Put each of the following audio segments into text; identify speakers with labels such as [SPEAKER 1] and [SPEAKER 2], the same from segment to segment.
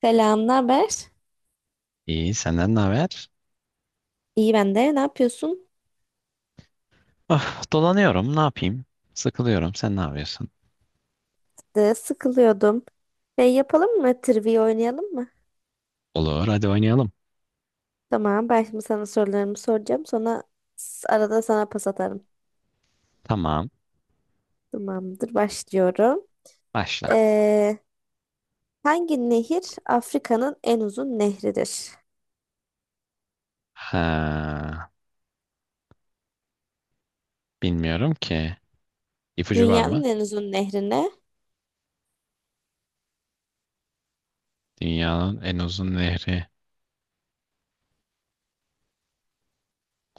[SPEAKER 1] Selam, ne haber?
[SPEAKER 2] İyi, senden ne haber?
[SPEAKER 1] İyi ben de. Ne yapıyorsun?
[SPEAKER 2] Ah, dolanıyorum, ne yapayım? Sıkılıyorum, sen ne yapıyorsun?
[SPEAKER 1] De, sıkılıyordum. Şey yapalım mı? Trivia oynayalım mı?
[SPEAKER 2] Olur, hadi oynayalım.
[SPEAKER 1] Tamam, ben şimdi sana sorularımı soracağım. Sonra arada sana pas atarım.
[SPEAKER 2] Tamam,
[SPEAKER 1] Tamamdır, başlıyorum.
[SPEAKER 2] başla.
[SPEAKER 1] Ee, hangi nehir Afrika'nın en uzun nehridir?
[SPEAKER 2] Ha, bilmiyorum ki. İpucu var mı?
[SPEAKER 1] Dünyanın en uzun nehrine
[SPEAKER 2] Dünyanın en uzun nehri.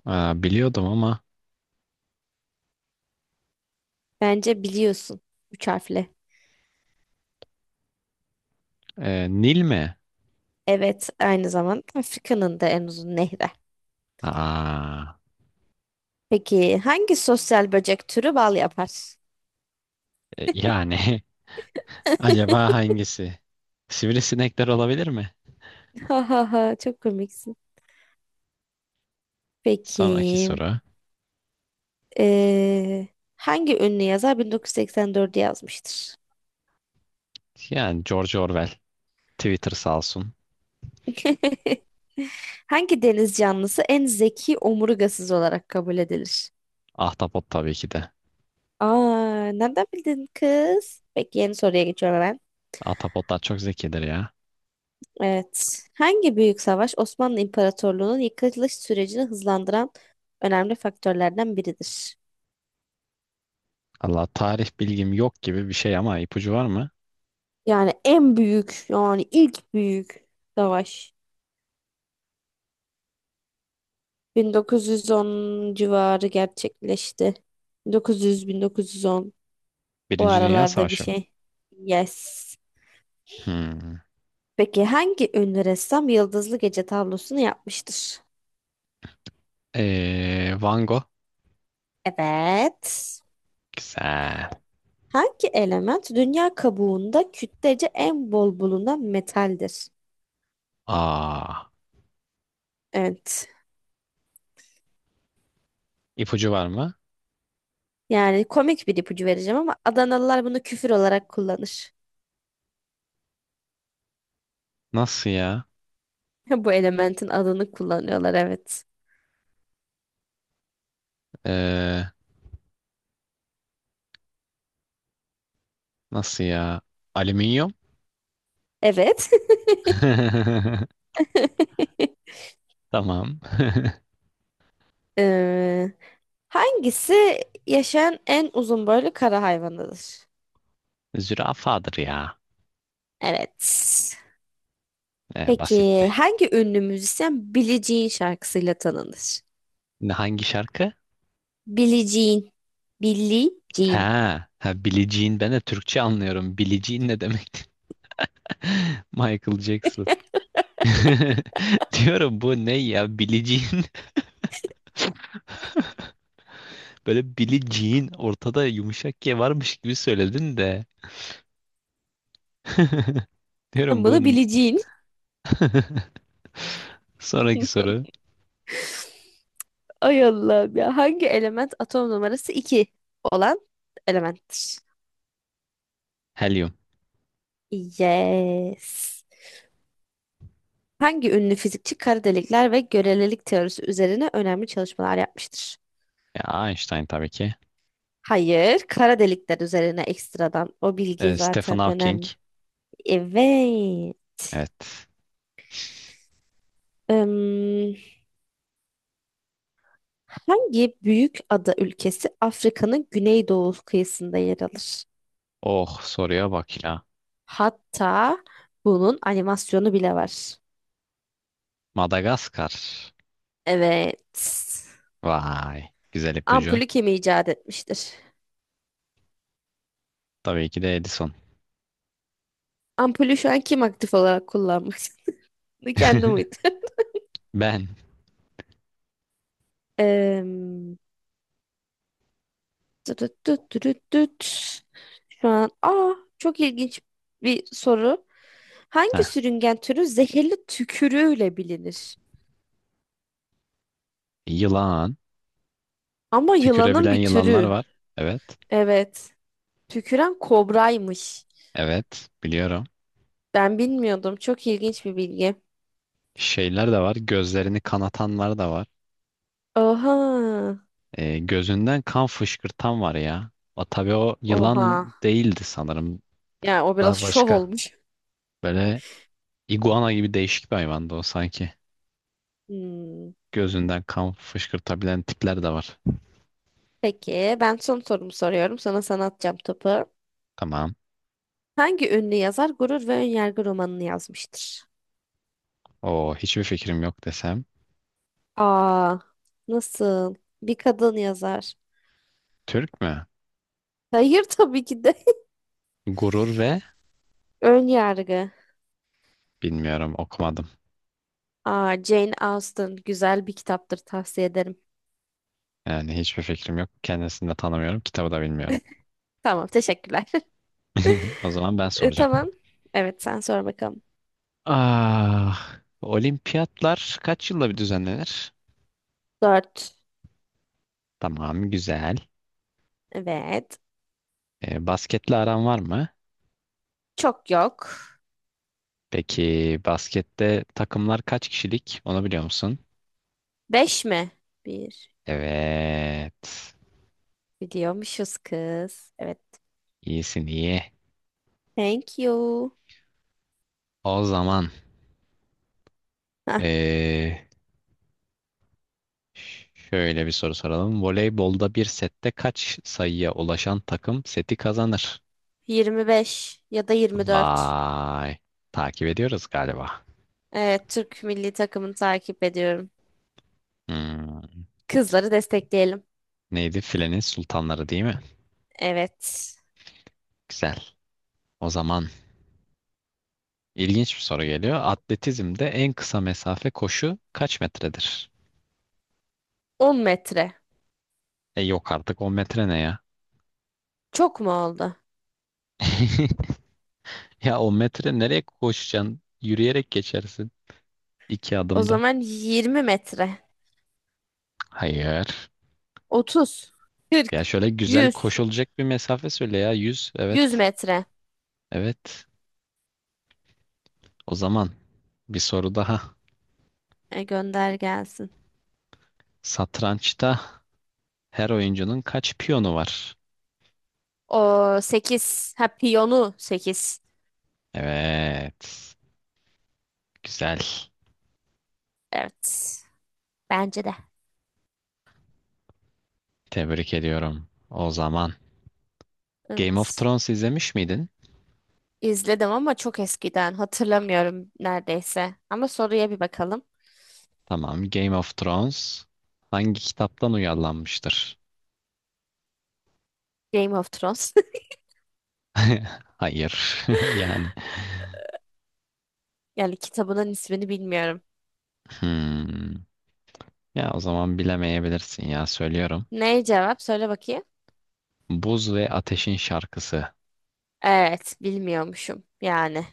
[SPEAKER 2] Aa, biliyordum ama
[SPEAKER 1] bence biliyorsun. Üç harfli.
[SPEAKER 2] Nil mi?
[SPEAKER 1] Evet, aynı zamanda Afrika'nın da en uzun nehri.
[SPEAKER 2] Aa,
[SPEAKER 1] Peki hangi sosyal böcek türü bal yapar?
[SPEAKER 2] yani acaba hangisi? Sivrisinekler olabilir mi?
[SPEAKER 1] Ha ha ha çok komiksin.
[SPEAKER 2] Sonraki
[SPEAKER 1] Peki.
[SPEAKER 2] soru.
[SPEAKER 1] eee, hangi ünlü yazar 1984'ü yazmıştır?
[SPEAKER 2] Yani George Orwell. Twitter sağ olsun.
[SPEAKER 1] Hangi deniz canlısı en zeki omurgasız olarak kabul edilir?
[SPEAKER 2] Ahtapot tabii ki de.
[SPEAKER 1] Aa, nereden bildin kız? Peki yeni soruya geçiyorum hemen.
[SPEAKER 2] Ahtapotlar çok zekidir ya.
[SPEAKER 1] Evet. Hangi büyük savaş Osmanlı İmparatorluğu'nun yıkılış sürecini hızlandıran önemli faktörlerden biridir?
[SPEAKER 2] Allah, tarih bilgim yok gibi bir şey ama ipucu var mı?
[SPEAKER 1] Yani en büyük, yani ilk büyük savaş. 1910 civarı gerçekleşti. 1900-1910 o
[SPEAKER 2] Birinci Dünya
[SPEAKER 1] aralarda bir
[SPEAKER 2] Savaşı mı?
[SPEAKER 1] şey. Yes.
[SPEAKER 2] Hmm.
[SPEAKER 1] Peki hangi ünlü ressam Yıldızlı Gece tablosunu yapmıştır?
[SPEAKER 2] Van Gogh.
[SPEAKER 1] Evet.
[SPEAKER 2] Güzel.
[SPEAKER 1] Hangi element dünya kabuğunda kütlece en bol bulunan metaldir?
[SPEAKER 2] Aa,
[SPEAKER 1] Evet.
[SPEAKER 2] ipucu var mı?
[SPEAKER 1] Yani komik bir ipucu vereceğim ama Adanalılar bunu küfür olarak kullanır.
[SPEAKER 2] Nasıl ya?
[SPEAKER 1] Bu elementin adını kullanıyorlar, evet.
[SPEAKER 2] Ee, nasıl ya? Alüminyum.
[SPEAKER 1] Evet.
[SPEAKER 2] Tamam.
[SPEAKER 1] Ee, Hangisi yaşayan en uzun boylu kara hayvanıdır?
[SPEAKER 2] Zürafadır ya.
[SPEAKER 1] Evet.
[SPEAKER 2] Basitti.
[SPEAKER 1] Peki hangi ünlü müzisyen Billie Jean şarkısıyla tanınır?
[SPEAKER 2] Ne- Hangi şarkı?
[SPEAKER 1] Billie Jean. Billie Jean.
[SPEAKER 2] Ha, ha, Billie Jean. Ben de Türkçe anlıyorum. Billie Jean ne demek? Michael Jackson. Diyorum bu ne ya? Billie Jean. Böyle Billie Jean ortada yumuşak G varmış gibi söyledin de.
[SPEAKER 1] Sen
[SPEAKER 2] Diyorum bu
[SPEAKER 1] bunu Billie Jean.
[SPEAKER 2] Sonraki soru.
[SPEAKER 1] Ay Allah'ım ya. Hangi element atom numarası 2 olan elementtir?
[SPEAKER 2] Helyum.
[SPEAKER 1] Yes. Hangi ünlü fizikçi kara delikler ve görelilik teorisi üzerine önemli çalışmalar yapmıştır?
[SPEAKER 2] Ya Einstein tabii ki.
[SPEAKER 1] Hayır, kara delikler üzerine ekstradan. O bilgi
[SPEAKER 2] Stephen
[SPEAKER 1] zaten
[SPEAKER 2] Hawking.
[SPEAKER 1] önemli. Evet.
[SPEAKER 2] Evet.
[SPEAKER 1] Im, hangi büyük ada ülkesi Afrika'nın güneydoğu kıyısında yer alır?
[SPEAKER 2] Oh, soruya bak ya.
[SPEAKER 1] Hatta bunun animasyonu bile var.
[SPEAKER 2] Madagaskar.
[SPEAKER 1] Evet.
[SPEAKER 2] Vay. Güzel ipucu.
[SPEAKER 1] Ampulü kim icat etmiştir?
[SPEAKER 2] Tabii ki de Edison.
[SPEAKER 1] Ampulü şu an kim aktif olarak kullanmak istiyor? Kendi muydu?
[SPEAKER 2] Ben.
[SPEAKER 1] Im, tütüt tütüt tütüt. Şu an çok ilginç bir soru. Hangi
[SPEAKER 2] Heh,
[SPEAKER 1] sürüngen türü zehirli tükürüğüyle bilinir?
[SPEAKER 2] yılan.
[SPEAKER 1] Ama yılanın
[SPEAKER 2] Tükürebilen
[SPEAKER 1] bir
[SPEAKER 2] yılanlar
[SPEAKER 1] türü.
[SPEAKER 2] var. Evet.
[SPEAKER 1] Evet. Tüküren kobraymış.
[SPEAKER 2] Evet. Biliyorum.
[SPEAKER 1] Ben bilmiyordum. Çok ilginç bir bilgi.
[SPEAKER 2] Şeyler de var. Gözlerini kanatanlar da var.
[SPEAKER 1] Oha.
[SPEAKER 2] E, gözünden kan fışkırtan var ya. O, tabii o yılan
[SPEAKER 1] Oha.
[SPEAKER 2] değildi sanırım.
[SPEAKER 1] Yani o biraz
[SPEAKER 2] Daha
[SPEAKER 1] şov
[SPEAKER 2] başka.
[SPEAKER 1] olmuş.
[SPEAKER 2] Böyle iguana gibi değişik bir hayvandı o sanki.
[SPEAKER 1] Hmm.
[SPEAKER 2] Gözünden kan fışkırtabilen tipler de var.
[SPEAKER 1] Peki ben son sorumu soruyorum. Sana atacağım topu.
[SPEAKER 2] Tamam.
[SPEAKER 1] Hangi ünlü yazar Gurur ve Önyargı romanını yazmıştır?
[SPEAKER 2] O, hiçbir fikrim yok desem.
[SPEAKER 1] Aa, nasıl? Bir kadın yazar.
[SPEAKER 2] Türk mü?
[SPEAKER 1] Hayır, tabii ki de.
[SPEAKER 2] Gurur ve
[SPEAKER 1] Ön yargı.
[SPEAKER 2] bilmiyorum, okumadım.
[SPEAKER 1] Aa, Jane Austen güzel bir kitaptır, tavsiye ederim.
[SPEAKER 2] Yani hiçbir fikrim yok. Kendisini de tanımıyorum. Kitabı da bilmiyorum.
[SPEAKER 1] Tamam, teşekkürler.
[SPEAKER 2] O zaman ben
[SPEAKER 1] E, tamam.
[SPEAKER 2] soracağım.
[SPEAKER 1] Evet, sen sor bakalım.
[SPEAKER 2] Ah, olimpiyatlar kaç yılda bir düzenlenir?
[SPEAKER 1] Dört.
[SPEAKER 2] Tamam, güzel.
[SPEAKER 1] Evet.
[SPEAKER 2] E, basketle aran var mı?
[SPEAKER 1] Çok yok.
[SPEAKER 2] Peki baskette takımlar kaç kişilik? Onu biliyor musun?
[SPEAKER 1] Beş mi? Bir.
[SPEAKER 2] Evet.
[SPEAKER 1] Biliyormuşuz kız. Evet.
[SPEAKER 2] İyisin, iyi.
[SPEAKER 1] Thank you.
[SPEAKER 2] O zaman
[SPEAKER 1] Hah,
[SPEAKER 2] eee, şöyle bir soru soralım. Voleybolda bir sette kaç sayıya ulaşan takım seti kazanır?
[SPEAKER 1] 25 ya da 24.
[SPEAKER 2] Vay. Takip ediyoruz galiba.
[SPEAKER 1] Evet, Türk milli takımını takip ediyorum.
[SPEAKER 2] Hmm,
[SPEAKER 1] Kızları destekleyelim.
[SPEAKER 2] neydi? Filenin sultanları değil mi?
[SPEAKER 1] Evet.
[SPEAKER 2] Güzel. O zaman ilginç bir soru geliyor. Atletizmde en kısa mesafe koşu kaç metredir?
[SPEAKER 1] 10 metre.
[SPEAKER 2] E, yok artık, 10 metre ne ya?
[SPEAKER 1] Çok mu oldu?
[SPEAKER 2] Ya o metre nereye koşacaksın? Yürüyerek geçersin. İki
[SPEAKER 1] O
[SPEAKER 2] adımda.
[SPEAKER 1] zaman 20 metre.
[SPEAKER 2] Hayır.
[SPEAKER 1] 30, 40,
[SPEAKER 2] Ya şöyle güzel
[SPEAKER 1] 100
[SPEAKER 2] koşulacak bir mesafe söyle ya. Yüz.
[SPEAKER 1] 100
[SPEAKER 2] Evet.
[SPEAKER 1] metre.
[SPEAKER 2] Evet. O zaman bir soru daha.
[SPEAKER 1] E, gönder gelsin.
[SPEAKER 2] Satrançta her oyuncunun kaç piyonu var?
[SPEAKER 1] O 8, piyonu 8.
[SPEAKER 2] Evet. Güzel.
[SPEAKER 1] Evet. Bence de.
[SPEAKER 2] Tebrik ediyorum. O zaman Game of
[SPEAKER 1] Evet.
[SPEAKER 2] Thrones izlemiş miydin?
[SPEAKER 1] İzledim ama çok eskiden. Hatırlamıyorum neredeyse. Ama soruya bir bakalım.
[SPEAKER 2] Tamam. Game of Thrones hangi kitaptan uyarlanmıştır?
[SPEAKER 1] Game of Thrones.
[SPEAKER 2] Hayır. Yani.
[SPEAKER 1] Yani kitabının ismini bilmiyorum.
[SPEAKER 2] Hmm. Ya o zaman bilemeyebilirsin ya, söylüyorum.
[SPEAKER 1] Ne cevap? Söyle bakayım.
[SPEAKER 2] Buz ve Ateşin Şarkısı.
[SPEAKER 1] Evet. Bilmiyormuşum. Yani.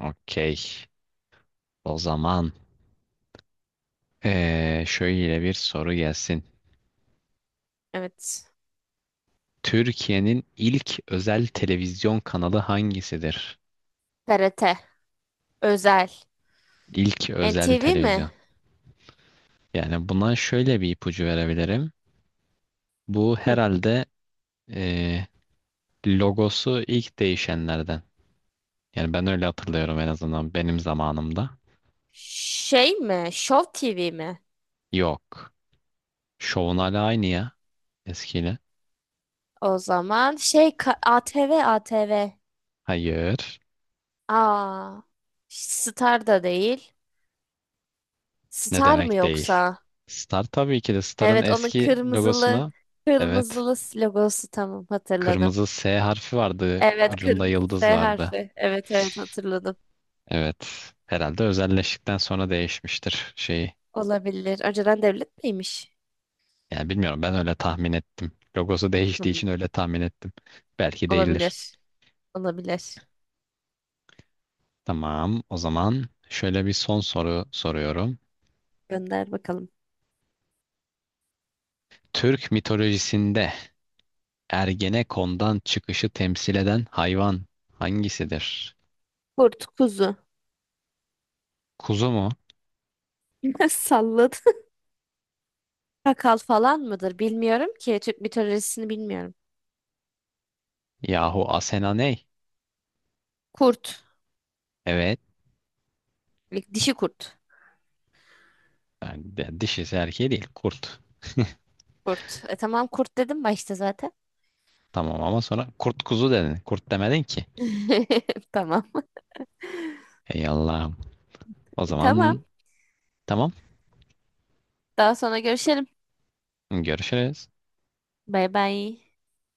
[SPEAKER 2] Okey. O zaman şöyle bir soru gelsin.
[SPEAKER 1] Evet.
[SPEAKER 2] Türkiye'nin ilk özel televizyon kanalı hangisidir?
[SPEAKER 1] TRT. Özel.
[SPEAKER 2] İlk özel
[SPEAKER 1] NTV mi?
[SPEAKER 2] televizyon. Yani buna şöyle bir ipucu verebilirim. Bu
[SPEAKER 1] Hı.
[SPEAKER 2] herhalde eee, logosu ilk değişenlerden. Yani ben öyle hatırlıyorum, en azından benim zamanımda.
[SPEAKER 1] Şey mi? Show TV mi?
[SPEAKER 2] Yok. Şovun hala aynı ya, eskiyle.
[SPEAKER 1] O zaman ATV ATV.
[SPEAKER 2] Hayır.
[SPEAKER 1] Aa, Star da değil.
[SPEAKER 2] Ne
[SPEAKER 1] Star mı
[SPEAKER 2] demek değil?
[SPEAKER 1] yoksa?
[SPEAKER 2] Star, tabii ki de, Star'ın
[SPEAKER 1] Evet, onun
[SPEAKER 2] eski
[SPEAKER 1] kırmızılı
[SPEAKER 2] logosunu, evet,
[SPEAKER 1] kırmızılı logosu, tamam hatırladım.
[SPEAKER 2] kırmızı S harfi vardı.
[SPEAKER 1] Evet,
[SPEAKER 2] Ucunda
[SPEAKER 1] kırmızı
[SPEAKER 2] yıldız
[SPEAKER 1] S
[SPEAKER 2] vardı.
[SPEAKER 1] harfi. Evet, evet, hatırladım.
[SPEAKER 2] Evet. Herhalde özelleştikten sonra değişmiştir şeyi.
[SPEAKER 1] Olabilir. Önceden devlet miymiş?
[SPEAKER 2] Yani bilmiyorum, ben öyle tahmin ettim. Logosu değiştiği
[SPEAKER 1] Hmm,
[SPEAKER 2] için öyle tahmin ettim. Belki değildir.
[SPEAKER 1] olabilir. Olabilir.
[SPEAKER 2] Tamam, o zaman şöyle bir son soru soruyorum.
[SPEAKER 1] Gönder bakalım.
[SPEAKER 2] Türk mitolojisinde Ergenekon'dan çıkışı temsil eden hayvan hangisidir?
[SPEAKER 1] Kurt, kuzu.
[SPEAKER 2] Kuzu mu?
[SPEAKER 1] Salladı. Kakal falan mıdır? Bilmiyorum ki. Türk mitolojisini bilmiyorum.
[SPEAKER 2] Yahu Asena ney?
[SPEAKER 1] Kurt.
[SPEAKER 2] Evet.
[SPEAKER 1] Dişi kurt.
[SPEAKER 2] Yani de- dişisi erkeği değil. Kurt.
[SPEAKER 1] Kurt. E, tamam, kurt dedim başta zaten.
[SPEAKER 2] Tamam ama sonra kurt kuzu dedin. Kurt demedin ki.
[SPEAKER 1] Tamam.
[SPEAKER 2] Ey Allah'ım. O
[SPEAKER 1] E, tamam.
[SPEAKER 2] zaman tamam.
[SPEAKER 1] Daha sonra görüşelim.
[SPEAKER 2] Görüşürüz.
[SPEAKER 1] Bay bay.